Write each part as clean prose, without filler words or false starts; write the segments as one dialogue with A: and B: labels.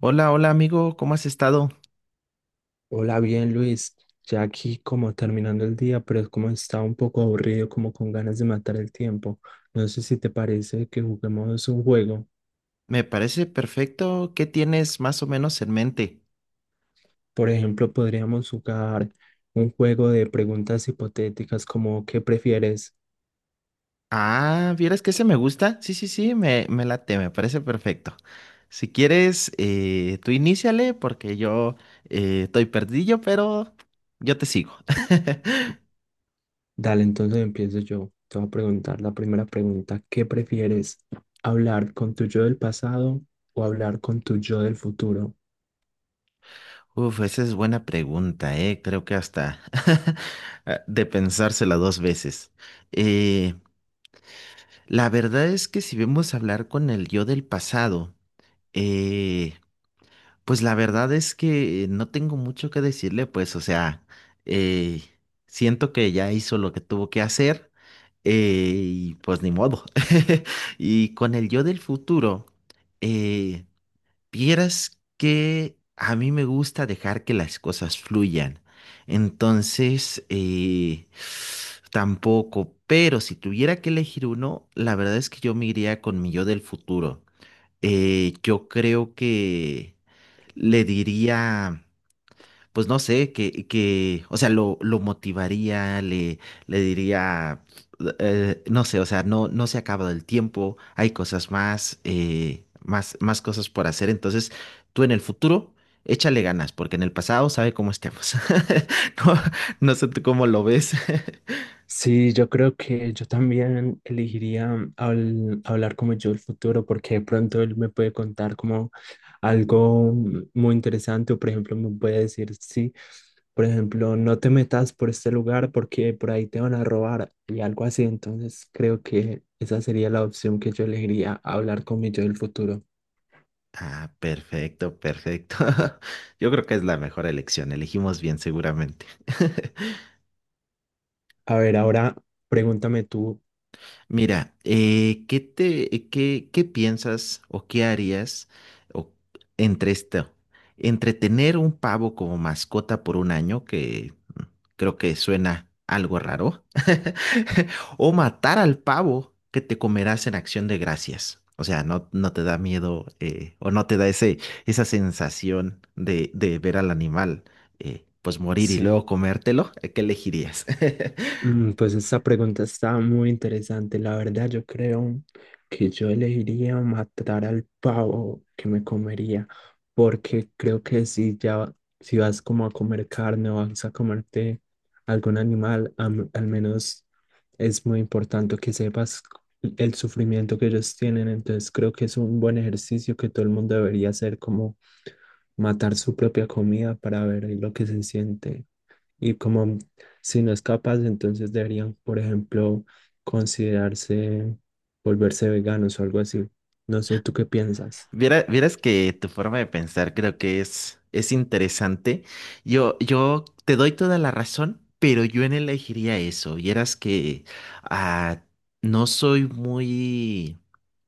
A: Hola, hola amigo, ¿cómo has estado?
B: Hola, bien Luis, ya aquí como terminando el día, pero es como estaba un poco aburrido, como con ganas de matar el tiempo. No sé si te parece que juguemos un juego.
A: Me parece perfecto. ¿Qué tienes más o menos en mente?
B: Por ejemplo, podríamos jugar un juego de preguntas hipotéticas como ¿qué prefieres?
A: Ah, ¿vieras que ese me gusta? Sí, sí, sí, me late, me parece perfecto. Si quieres, tú iníciale porque yo estoy perdido, pero yo te sigo.
B: Dale, entonces empiezo yo. Te voy a preguntar la primera pregunta. ¿Qué prefieres? ¿Hablar con tu yo del pasado o hablar con tu yo del futuro?
A: Uf, esa es buena pregunta, eh. Creo que hasta ah, de pensársela dos veces. Eh, la verdad es que si vemos hablar con el yo del pasado, eh, pues la verdad es que no tengo mucho que decirle, pues, o sea, eh, siento que ya hizo lo que tuvo que hacer, y pues ni modo. Y con el yo del futuro, eh, vieras que a mí me gusta dejar que las cosas fluyan. Entonces, tampoco, pero si tuviera que elegir uno, la verdad es que yo me iría con mi yo del futuro. Yo creo que le diría, pues no sé, que, o sea, lo motivaría, le diría, no sé, o sea, no, no se ha acabado el tiempo, hay cosas más, más, más cosas por hacer, entonces tú en el futuro, échale ganas, porque en el pasado sabe cómo estemos. No, no sé tú cómo lo ves.
B: Sí, yo creo que yo también elegiría hablar como yo el futuro porque de pronto él me puede contar como algo muy interesante o por ejemplo me puede decir, sí, por ejemplo, no te metas por este lugar porque por ahí te van a robar y algo así. Entonces creo que esa sería la opción que yo elegiría, hablar con mi yo del futuro.
A: Ah, perfecto, perfecto. Yo creo que es la mejor elección, elegimos bien seguramente.
B: A ver, ahora pregúntame tú.
A: Mira, ¿qué te, qué, qué piensas o qué harías o- entre esto? Entre tener un pavo como mascota por un año, que creo que suena algo raro, o matar al pavo que te comerás en Acción de Gracias. O sea, no, no te da miedo, o no te da ese, esa sensación de ver al animal, pues morir y
B: Sí.
A: luego comértelo. ¿Qué elegirías?
B: Mm, pues esta pregunta está muy interesante. La verdad, yo creo que yo elegiría matar al pavo que me comería, porque creo que si ya, si vas como a comer carne o vas a comerte algún animal, al menos es muy importante que sepas el sufrimiento que ellos tienen. Entonces creo que es un buen ejercicio que todo el mundo debería hacer, como matar su propia comida para ver lo que se siente y como si no es capaz, entonces deberían, por ejemplo, considerarse volverse veganos o algo así. No sé, ¿tú qué piensas?
A: Vieras que tu forma de pensar creo que es interesante. Yo te doy toda la razón, pero yo en elegiría eso. Vieras que ah, no soy muy,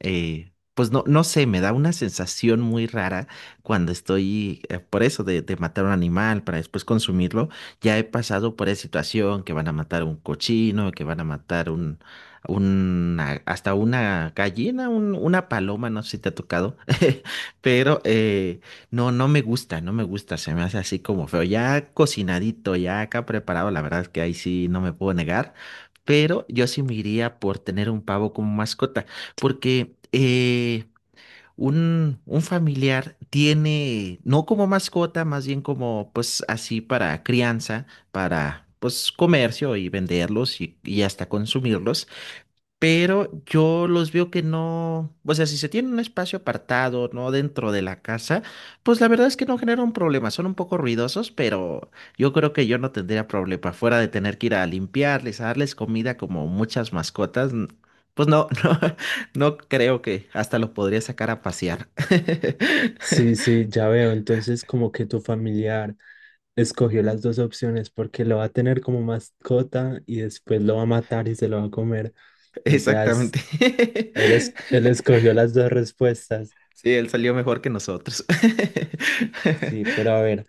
A: pues no, no sé, me da una sensación muy rara cuando estoy, por eso de matar un animal para después consumirlo. Ya he pasado por esa situación que van a matar un cochino, que van a matar una, hasta una gallina, una paloma, no sé si te ha tocado, pero no, no me gusta, no me gusta, se me hace así como feo, ya cocinadito, ya acá preparado, la verdad es que ahí sí no me puedo negar, pero yo sí me iría por tener un pavo como mascota, porque... un familiar tiene, no como mascota, más bien como pues así para crianza, para pues comercio y venderlos y hasta consumirlos, pero yo los veo que no, o sea, si se tiene un espacio apartado, no dentro de la casa, pues la verdad es que no generan problema. Son un poco ruidosos, pero yo creo que yo no tendría problema, fuera de tener que ir a limpiarles, a darles comida como muchas mascotas, pues no, no, no creo que hasta los podría sacar a pasear.
B: Sí, sí, ya veo. Entonces, como que tu familiar escogió las dos opciones porque lo va a tener como mascota y después lo va a matar y se lo va a comer. O sea,
A: Exactamente.
B: él, él escogió las dos respuestas.
A: Sí, él salió mejor que nosotros.
B: Sí, pero a ver,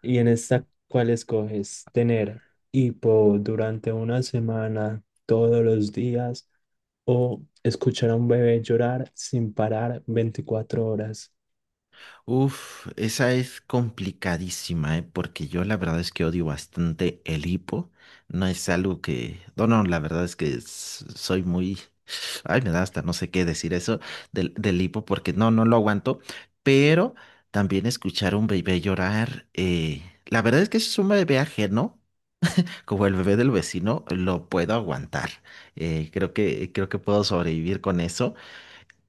B: ¿y en esta cuál escoges? ¿Tener hipo durante una semana, todos los días? O escuchar a un bebé llorar sin parar 24 horas.
A: Uf, esa es complicadísima, ¿eh? Porque yo la verdad es que odio bastante el hipo. No es algo que... No, no, la verdad es que soy muy... Ay, me da hasta no sé qué decir eso del, del hipo porque no, no lo aguanto. Pero también escuchar a un bebé llorar, la verdad es que si es un bebé ajeno, como el bebé del vecino, lo puedo aguantar. Creo que puedo sobrevivir con eso.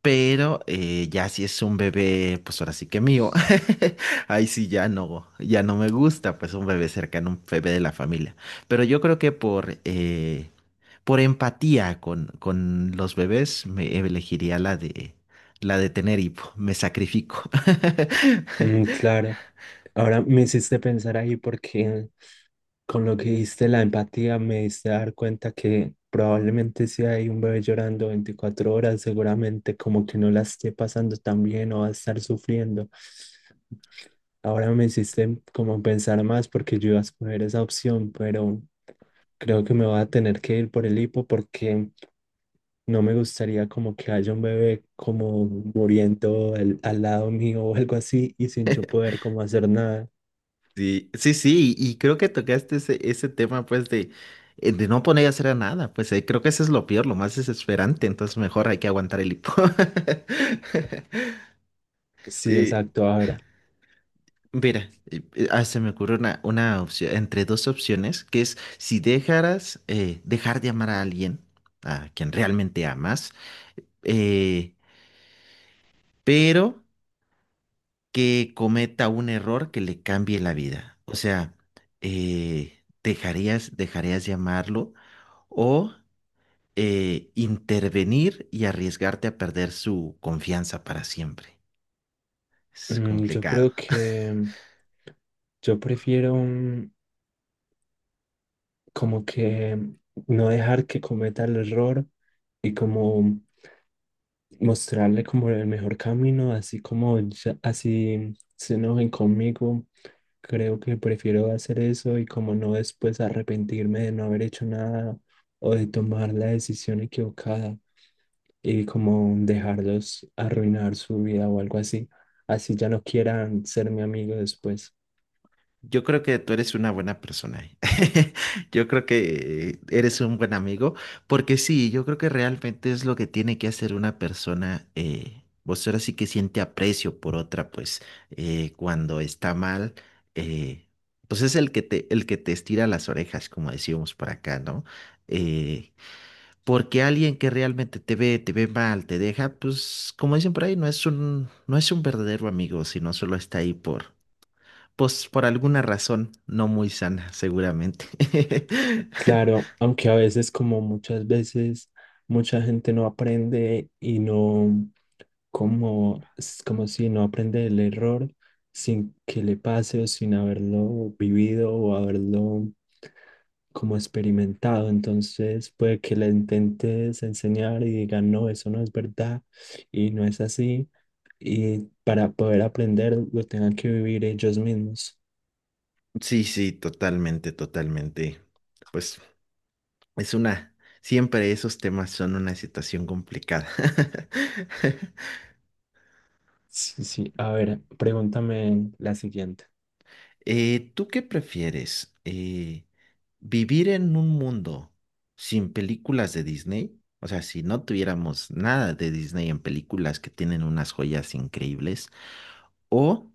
A: Pero ya si es un bebé, pues ahora sí que mío. Ahí sí ya no, ya no me gusta, pues un bebé cercano, un bebé de la familia. Pero yo creo que por empatía con los bebés, me elegiría la de tener hipo. Me sacrifico.
B: Mm, claro. Ahora me hiciste pensar ahí porque con lo que diste la empatía me diste dar cuenta que probablemente si hay un bebé llorando 24 horas, seguramente como que no la esté pasando tan bien o va a estar sufriendo. Ahora me hiciste como pensar más porque yo iba a escoger esa opción, pero creo que me voy a tener que ir por el hipo porque no me gustaría como que haya un bebé como muriendo al lado mío o algo así y sin yo poder como hacer nada.
A: Sí, sí, sí, y creo que tocaste ese, ese tema, pues, de no poner a hacer a nada, pues, creo que eso es lo peor, lo más desesperante, entonces mejor hay que aguantar el hipo.
B: Sí,
A: Eh,
B: exacto. Ahora,
A: mira, se me ocurre una opción, entre dos opciones, que es si dejaras dejar de amar a alguien, a quien realmente amas, eh, pero que cometa un error que le cambie la vida. O sea, dejarías, dejarías de amarlo o intervenir y arriesgarte a perder su confianza para siempre. Es
B: mm, yo
A: complicado.
B: creo que yo prefiero mm, como que no dejar que cometa el error y como mostrarle como el mejor camino, así como así se enojen conmigo. Creo que prefiero hacer eso y como no después arrepentirme de no haber hecho nada o de tomar la decisión equivocada y como dejarlos arruinar su vida o algo así. Así ya no quieran ser mi amigo después.
A: Yo creo que tú eres una buena persona. Yo creo que eres un buen amigo, porque sí, yo creo que realmente es lo que tiene que hacer una persona. Vos ahora sí que siente aprecio por otra, pues cuando está mal, eh, pues es el que te estira las orejas, como decíamos por acá, ¿no? Eh, porque alguien que realmente te ve mal, te deja, pues como dicen por ahí, no es un, no es un verdadero amigo, sino solo está ahí por. Pues por alguna razón no muy sana, seguramente.
B: Claro, aunque a veces, como muchas veces, mucha gente no aprende y no, como, es como si no aprende el error sin que le pase o sin haberlo vivido o haberlo como experimentado. Entonces puede que le intentes enseñar y digan, no, eso no es verdad y no es así. Y para poder aprender lo tengan que vivir ellos mismos.
A: Sí, sí, totalmente, totalmente. Pues es una, siempre esos temas son una situación complicada.
B: Sí, sí. A ver, pregúntame la siguiente.
A: ¿Tú qué prefieres? ¿Vivir en un mundo sin películas de Disney? O sea, si no tuviéramos nada de Disney en películas que tienen unas joyas increíbles, o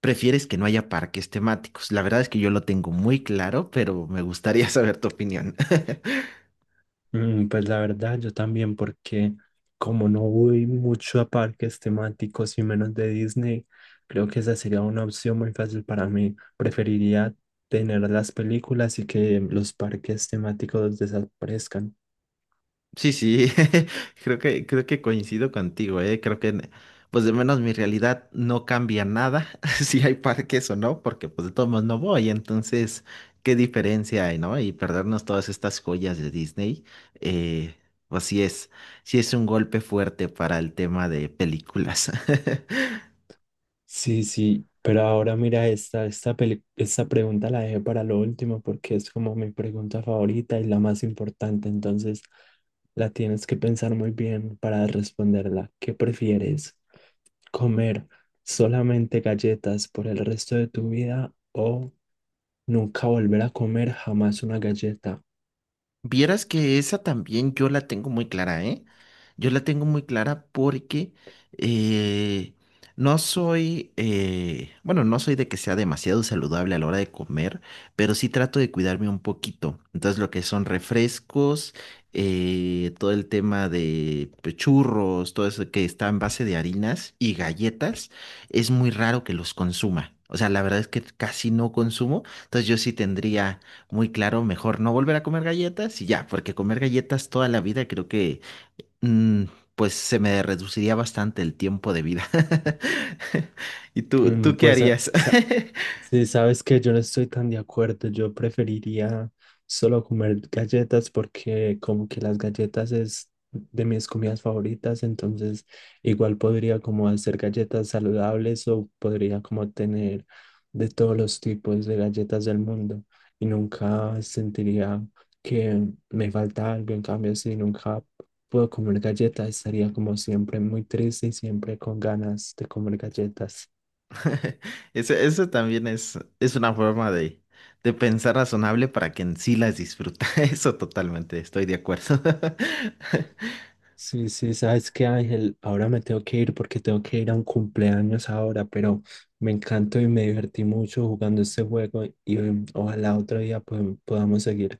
A: prefieres que no haya parques temáticos. La verdad es que yo lo tengo muy claro, pero me gustaría saber tu opinión.
B: Mm, pues la verdad, yo también, porque como no voy mucho a parques temáticos y menos de Disney, creo que esa sería una opción muy fácil para mí. Preferiría tener las películas y que los parques temáticos desaparezcan.
A: Sí, sí, creo que coincido contigo, ¿eh? Creo que, pues de menos mi realidad no cambia nada si hay parques o no, porque pues de todos modos no voy, entonces, ¿qué diferencia hay, no? Y perdernos todas estas joyas de Disney, eh, pues sí es un golpe fuerte para el tema de películas.
B: Sí, sí, pero ahora mira, esta pregunta la dejé para lo último porque es como mi pregunta favorita y la más importante, entonces la tienes que pensar muy bien para responderla. ¿Qué prefieres? Comer solamente galletas por el resto de tu vida o nunca volver a comer jamás una galleta.
A: Vieras que esa también yo la tengo muy clara, ¿eh? Yo la tengo muy clara porque eh, no soy, bueno, no soy de que sea demasiado saludable a la hora de comer, pero sí trato de cuidarme un poquito. Entonces, lo que son refrescos, todo el tema de pues, churros, todo eso que está en base de harinas y galletas, es muy raro que los consuma. O sea, la verdad es que casi no consumo, entonces yo sí tendría muy claro, mejor no volver a comer galletas y ya, porque comer galletas toda la vida creo que mm, pues se me reduciría bastante el tiempo de vida. ¿Y tú,
B: Mm,
A: tú qué
B: pues sa-
A: harías?
B: sa- Sí, sabes que yo no estoy tan de acuerdo. Yo preferiría solo comer galletas porque como que las galletas es de mis comidas favoritas, entonces igual podría como hacer galletas saludables o podría como tener de todos los tipos de galletas del mundo y nunca sentiría que me falta algo. En cambio, si nunca puedo comer galletas, estaría como siempre muy triste y siempre con ganas de comer galletas.
A: Eso también es una forma de pensar razonable para que en sí las disfruta. Eso totalmente, estoy de acuerdo.
B: Sí, sí, sabes qué, Ángel, ahora me tengo que ir porque tengo que ir a un cumpleaños ahora, pero me encantó y me divertí mucho jugando este juego y mm, ojalá otro día pues, podamos seguir.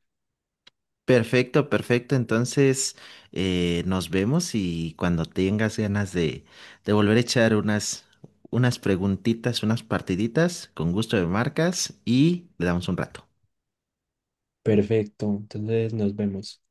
A: Perfecto, perfecto. Entonces, nos vemos y cuando tengas ganas de volver a echar unas, unas preguntitas, unas partiditas, con gusto de marcas y le damos un rato.
B: Perfecto, entonces nos vemos.